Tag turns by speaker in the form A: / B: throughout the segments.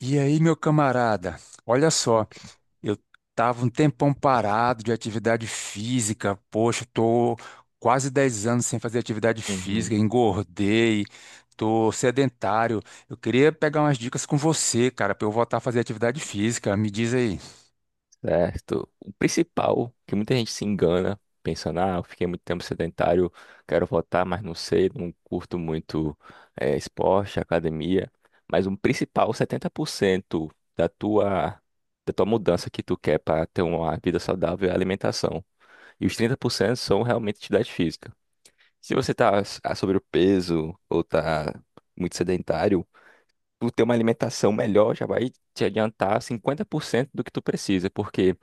A: E aí, meu camarada, olha só, eu tava um tempão parado de atividade física, poxa, tô quase 10 anos sem fazer atividade
B: Uhum,
A: física, engordei, tô sedentário. Eu queria pegar umas dicas com você, cara, pra eu voltar a fazer atividade física. Me diz aí.
B: certo. O principal que muita gente se engana pensando, eu fiquei muito tempo sedentário, quero voltar, mas não sei, não curto muito esporte, academia. Mas o principal, 70% da tua, da tua mudança que tu quer para ter uma vida saudável é a alimentação. E os 30% são realmente atividade física. Se você está sobre o peso ou está muito sedentário, tu ter uma alimentação melhor já vai te adiantar 50% do que tu precisa, porque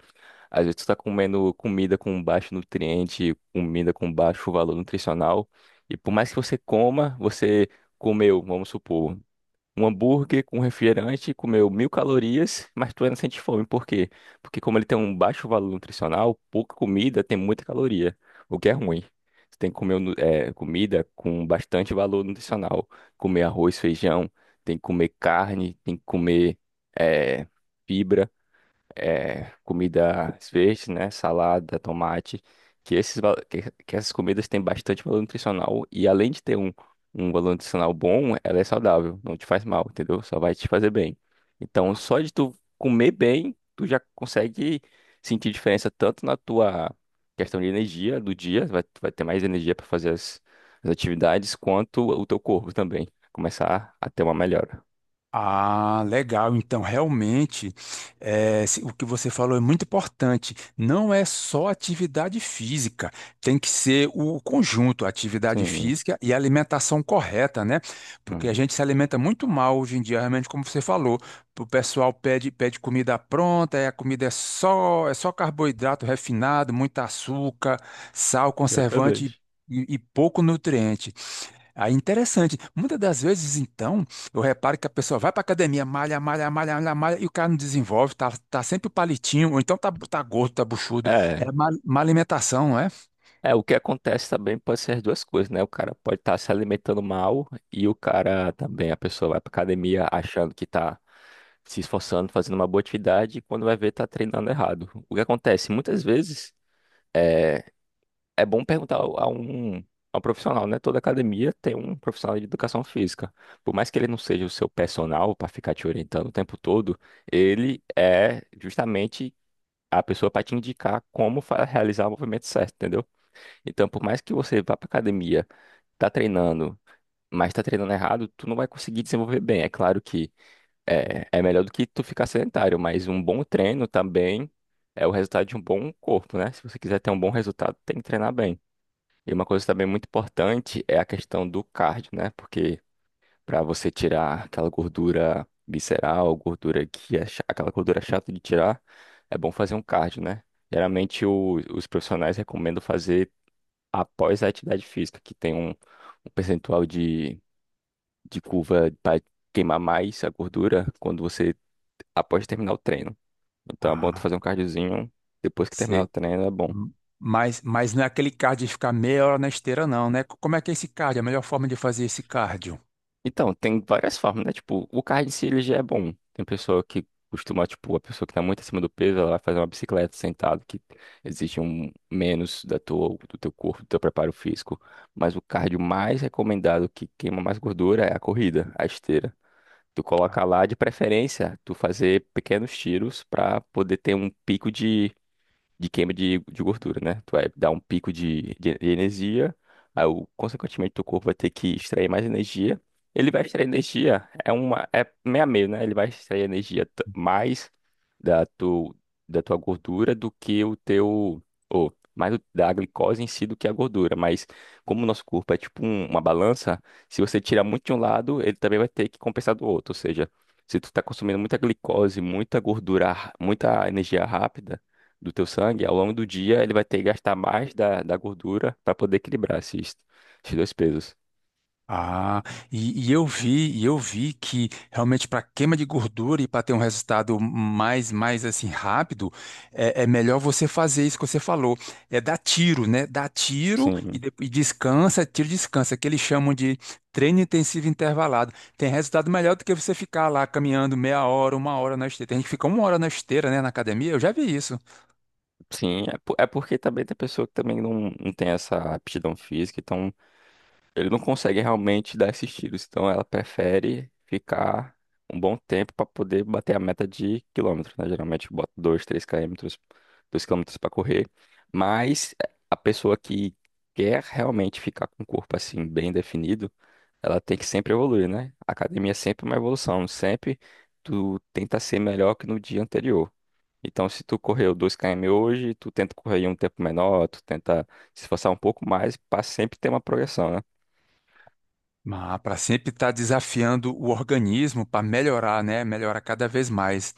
B: às vezes tu tá comendo comida com baixo nutriente, comida com baixo valor nutricional, e por mais que você coma, você comeu, vamos supor, um hambúrguer com refrigerante, comeu 1.000 calorias, mas tu ainda sente fome. Por quê? Porque como ele tem um baixo valor nutricional, pouca comida tem muita caloria, o que é ruim. Você tem que comer comida com bastante valor nutricional. Comer arroz, feijão, tem que comer carne, tem que comer eh, fibra é, comida verde, né? Salada, tomate, que essas comidas têm bastante valor nutricional e além de ter um valor nutricional bom, ela é saudável, não te faz mal, entendeu? Só vai te fazer bem. Então, só de tu comer bem, tu já consegue sentir diferença tanto na tua questão de energia do dia, vai, tu vai ter mais energia para fazer as atividades, quanto o teu corpo também começar a ter uma melhora.
A: Ah, legal. Então, realmente, o que você falou é muito importante. Não é só atividade física, tem que ser o conjunto, atividade
B: Sim,
A: física e alimentação correta, né? Porque a
B: hum,
A: gente se alimenta muito mal hoje em dia, realmente, como você falou. O pessoal pede comida pronta, e a comida é só carboidrato refinado, muito açúcar, sal, conservante
B: exatamente.
A: e pouco nutriente. Aí, interessante. Muitas das vezes, então, eu reparo que a pessoa vai para academia, malha, malha, malha, malha, malha, e o cara não desenvolve, tá sempre o palitinho, ou então tá gordo, tá buchudo.
B: É.
A: É má, má alimentação, não é?
B: É, o que acontece também pode ser as duas coisas, né? O cara pode estar se alimentando mal e o cara também, a pessoa vai pra academia achando que tá se esforçando, fazendo uma boa atividade e quando vai ver tá treinando errado. O que acontece muitas vezes é, é bom perguntar a um profissional, né? Toda academia tem um profissional de educação física. Por mais que ele não seja o seu personal para ficar te orientando o tempo todo, ele é justamente a pessoa para te indicar como realizar o movimento certo, entendeu? Então, por mais que você vá pra academia, tá treinando, mas tá treinando errado, tu não vai conseguir desenvolver bem. É claro que é melhor do que tu ficar sedentário, mas um bom treino também é o resultado de um bom corpo, né? Se você quiser ter um bom resultado, tem que treinar bem. E uma coisa também muito importante é a questão do cardio, né? Porque pra você tirar aquela gordura visceral, gordura que é aquela gordura chata de tirar, é bom fazer um cardio, né? Geralmente os profissionais recomendam fazer após a atividade física, que tem um percentual de curva para queimar mais a gordura quando você após terminar o treino. Então é bom tu
A: Ah,
B: fazer um cardiozinho depois que terminar o
A: sei.
B: treino, é bom.
A: M- mas não é aquele cardio de ficar meia hora na esteira, não, né? Como é que é esse cardio? A melhor forma de fazer esse cardio?
B: Então, tem várias formas, né? Tipo, o cardio em si ele já é bom. Tem pessoa que costuma, tipo, a pessoa que tá muito acima do peso, ela vai fazer uma bicicleta sentado, que exige um menos do teu corpo, do teu preparo físico. Mas o cardio mais recomendado que queima mais gordura é a corrida, a esteira. Tu coloca lá de preferência, tu fazer pequenos tiros para poder ter um pico de queima de gordura, né? Tu vai dar um pico de energia, aí, consequentemente, teu corpo vai ter que extrair mais energia. Ele vai extrair energia, é uma, é meio a meio, né? Ele vai extrair energia mais da, tu, da tua gordura do que o teu, ou mais da glicose em si do que a gordura. Mas como o nosso corpo é tipo uma balança, se você tirar muito de um lado, ele também vai ter que compensar do outro. Ou seja, se tu tá consumindo muita glicose, muita gordura, muita energia rápida, do teu sangue, ao longo do dia ele vai ter que gastar mais da gordura para poder equilibrar esses dois pesos.
A: Ah, e eu vi que realmente para queima de gordura e para ter um resultado mais assim rápido, é melhor você fazer isso que você falou, é dar tiro, né? Dar tiro
B: Sim,
A: e descansa, tiro e descansa, que eles chamam de treino intensivo intervalado. Tem resultado melhor do que você ficar lá caminhando meia hora, uma hora na esteira. Tem gente que fica uma hora na esteira, né, na academia. Eu já vi isso.
B: sim, é, é porque também tem pessoa que também não tem essa aptidão física, então ele não consegue realmente dar esses tiros, então ela prefere ficar um bom tempo para poder bater a meta de quilômetros, né? Geralmente bota 2 3 quilômetros, 2 quilômetros para correr, mas a pessoa que quer realmente ficar com o corpo assim bem definido, ela tem que sempre evoluir, né? A academia é sempre uma evolução. Sempre tu tenta ser melhor que no dia anterior. Então, se tu correu 2 km hoje, tu tenta correr em um tempo menor, tu tenta se esforçar um pouco mais para sempre ter uma progressão, né?
A: Mas para sempre estar desafiando o organismo para melhorar, né? Melhorar cada vez mais.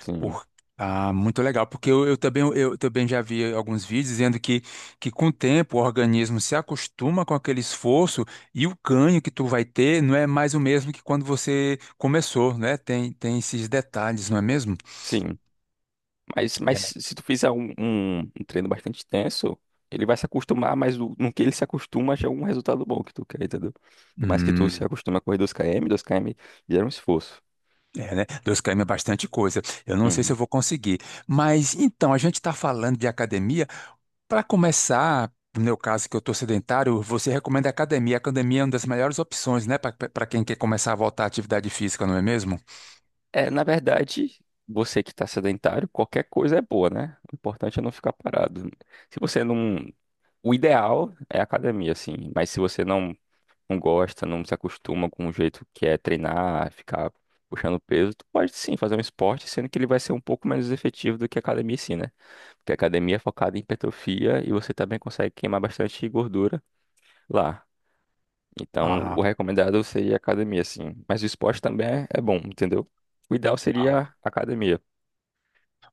B: Sim,
A: Por... Ah, muito legal, porque eu também já vi alguns vídeos dizendo que com o tempo o organismo se acostuma com aquele esforço e o ganho que tu vai ter não é mais o mesmo que quando você começou, né? Tem esses detalhes, não é mesmo?
B: sim. Mas
A: É.
B: se tu fizer um treino bastante intenso, ele vai se acostumar, mas no que ele se acostuma já é um resultado bom que tu quer, entendeu? Por mais que tu se
A: Hum,
B: acostume a correr 2 km, 2 km gera um esforço.
A: é, né? 2 km é bastante coisa. Eu não sei se eu
B: Uhum.
A: vou conseguir. Mas então, a gente está falando de academia. Para começar, no meu caso, que eu estou sedentário, você recomenda a academia. A academia é uma das melhores opções, né, para quem quer começar a voltar à atividade física, não é mesmo?
B: É, na verdade, você que está sedentário, qualquer coisa é boa, né? O importante é não ficar parado. Se você não. O ideal é a academia, assim. Mas se você não, não gosta, não se acostuma com o jeito que é treinar, ficar puxando peso, tu pode sim fazer um esporte, sendo que ele vai ser um pouco menos efetivo do que a academia, sim, né? Porque a academia é focada em hipertrofia e você também consegue queimar bastante gordura lá. Então,
A: Ah,
B: o recomendado seria a academia, sim. Mas o esporte também é bom, entendeu? O ideal seria
A: ah,
B: a academia.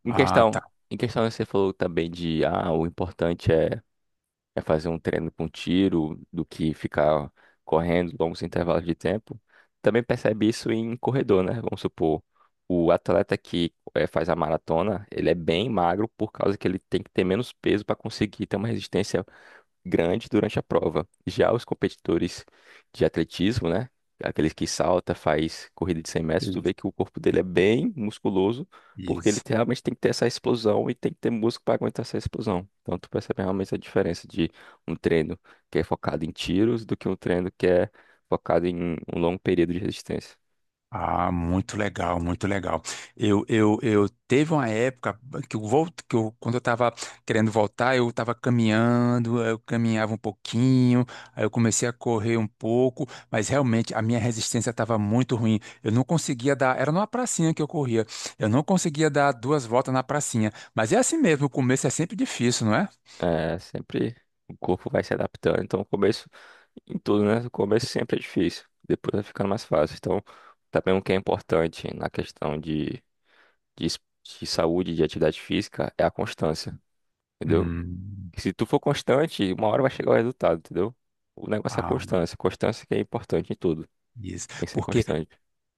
B: Em
A: ah,
B: questão,
A: tá.
B: em questão você falou também de ah, o importante é fazer um treino com tiro do que ficar correndo longos intervalos de tempo. Também percebe isso em corredor, né? Vamos supor, o atleta que faz a maratona, ele é bem magro por causa que ele tem que ter menos peso para conseguir ter uma resistência grande durante a prova. Já os competidores de atletismo, né? Aqueles que salta, faz corrida de 100 metros, tu vê
A: Isso.
B: que o corpo dele é bem musculoso, porque ele
A: Isso.
B: realmente tem que ter essa explosão e tem que ter músculo para aguentar essa explosão. Então tu percebe realmente a diferença de um treino que é focado em tiros do que um treino que é focado em um longo período de resistência.
A: Ah, muito legal, muito legal. Eu teve uma época que eu volto, que eu, quando eu estava querendo voltar, eu estava caminhando, eu caminhava um pouquinho, aí eu comecei a correr um pouco, mas realmente a minha resistência estava muito ruim. Eu não conseguia dar, era numa pracinha que eu corria, eu não conseguia dar duas voltas na pracinha. Mas é assim mesmo, o começo é sempre difícil, não é?
B: É, sempre o corpo vai se adaptando. Então, o começo, em tudo, né? O começo sempre é difícil, depois vai ficando mais fácil. Então, também o que é importante na questão de, es- de saúde, de atividade física, é a constância, entendeu?
A: Hum.
B: Se tu for constante, uma hora vai chegar o resultado, entendeu? O negócio é a
A: Ah,
B: constância. Constância que é importante em tudo.
A: isso.
B: Tem que ser
A: Porque
B: constante.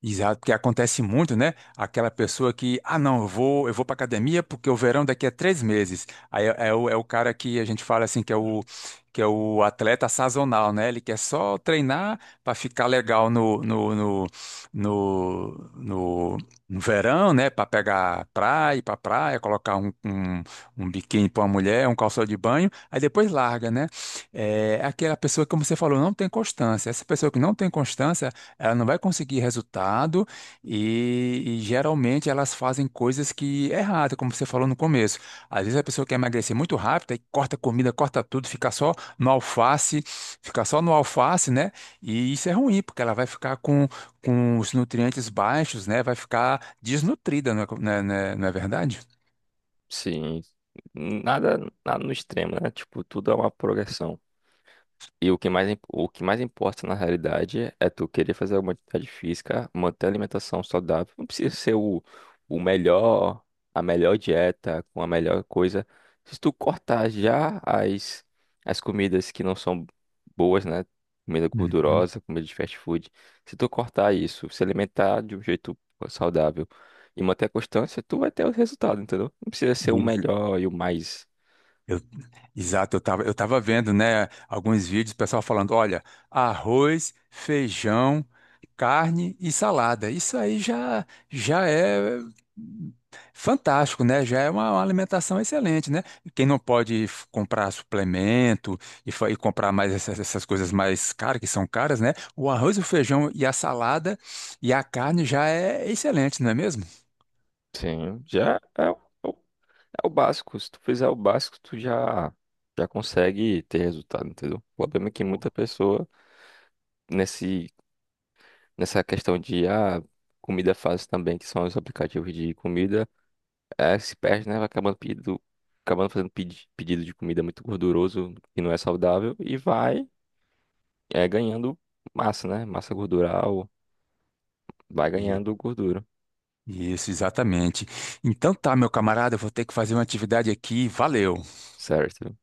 A: Exato, porque acontece muito, né? Aquela pessoa que, ah, não, eu vou para academia porque o verão daqui é 3 meses. Aí é o cara que a gente fala assim que é o atleta sazonal, né? Ele quer só treinar para ficar legal no, no- no verão, né? Para praia, colocar um biquíni para uma mulher, um calção de banho, aí depois larga, né? É aquela pessoa, como você falou, não tem constância. Essa pessoa que não tem constância ela não vai conseguir resultado e geralmente elas fazem coisas que é errada, como você falou no começo. Às vezes a pessoa quer emagrecer muito rápido, aí corta comida, corta tudo, fica só no alface, fica só no alface, né? E isso é ruim, porque ela vai ficar com os nutrientes baixos, né? Vai ficar desnutrida, não é verdade?
B: Sim. Nada, nada no extremo, né? Tipo, tudo é uma progressão. E o que mais, o que mais importa na realidade é tu querer fazer alguma atividade física, manter a alimentação saudável. Não precisa ser o melhor, a melhor dieta, com a melhor coisa. Se tu cortar já as comidas que não são boas, né? Comida
A: Uhum.
B: gordurosa, comida de fast food. Se tu cortar isso, se alimentar de um jeito saudável e manter a constância, tu vai ter o resultado, entendeu? Não precisa ser o
A: E-
B: melhor e o mais.
A: Eu- Exato, eu tava vendo, né, alguns vídeos, o pessoal falando, olha, arroz, feijão, carne e salada. Isso aí já é fantástico, né? Já é uma alimentação excelente, né? Quem não pode comprar suplemento e comprar mais essas coisas mais caras, que são caras, né? O arroz, o feijão e a salada e a carne já é excelente, não é mesmo?
B: Sim, já é. É o básico. Se tu fizer o básico, tu já, já consegue ter resultado, entendeu? O problema é que muita
A: Boa.
B: pessoa, nesse, nessa questão de ah, comida fácil também, que são os aplicativos de comida, é, se perde, né? Vai acabando pedido, acabando fazendo pedido de comida muito gorduroso, que não é saudável, e vai é, ganhando massa, né? Massa gordural, vai ganhando gordura,
A: Isso, exatamente. Então tá, meu camarada, eu vou ter que fazer uma atividade aqui. Valeu.
B: certo?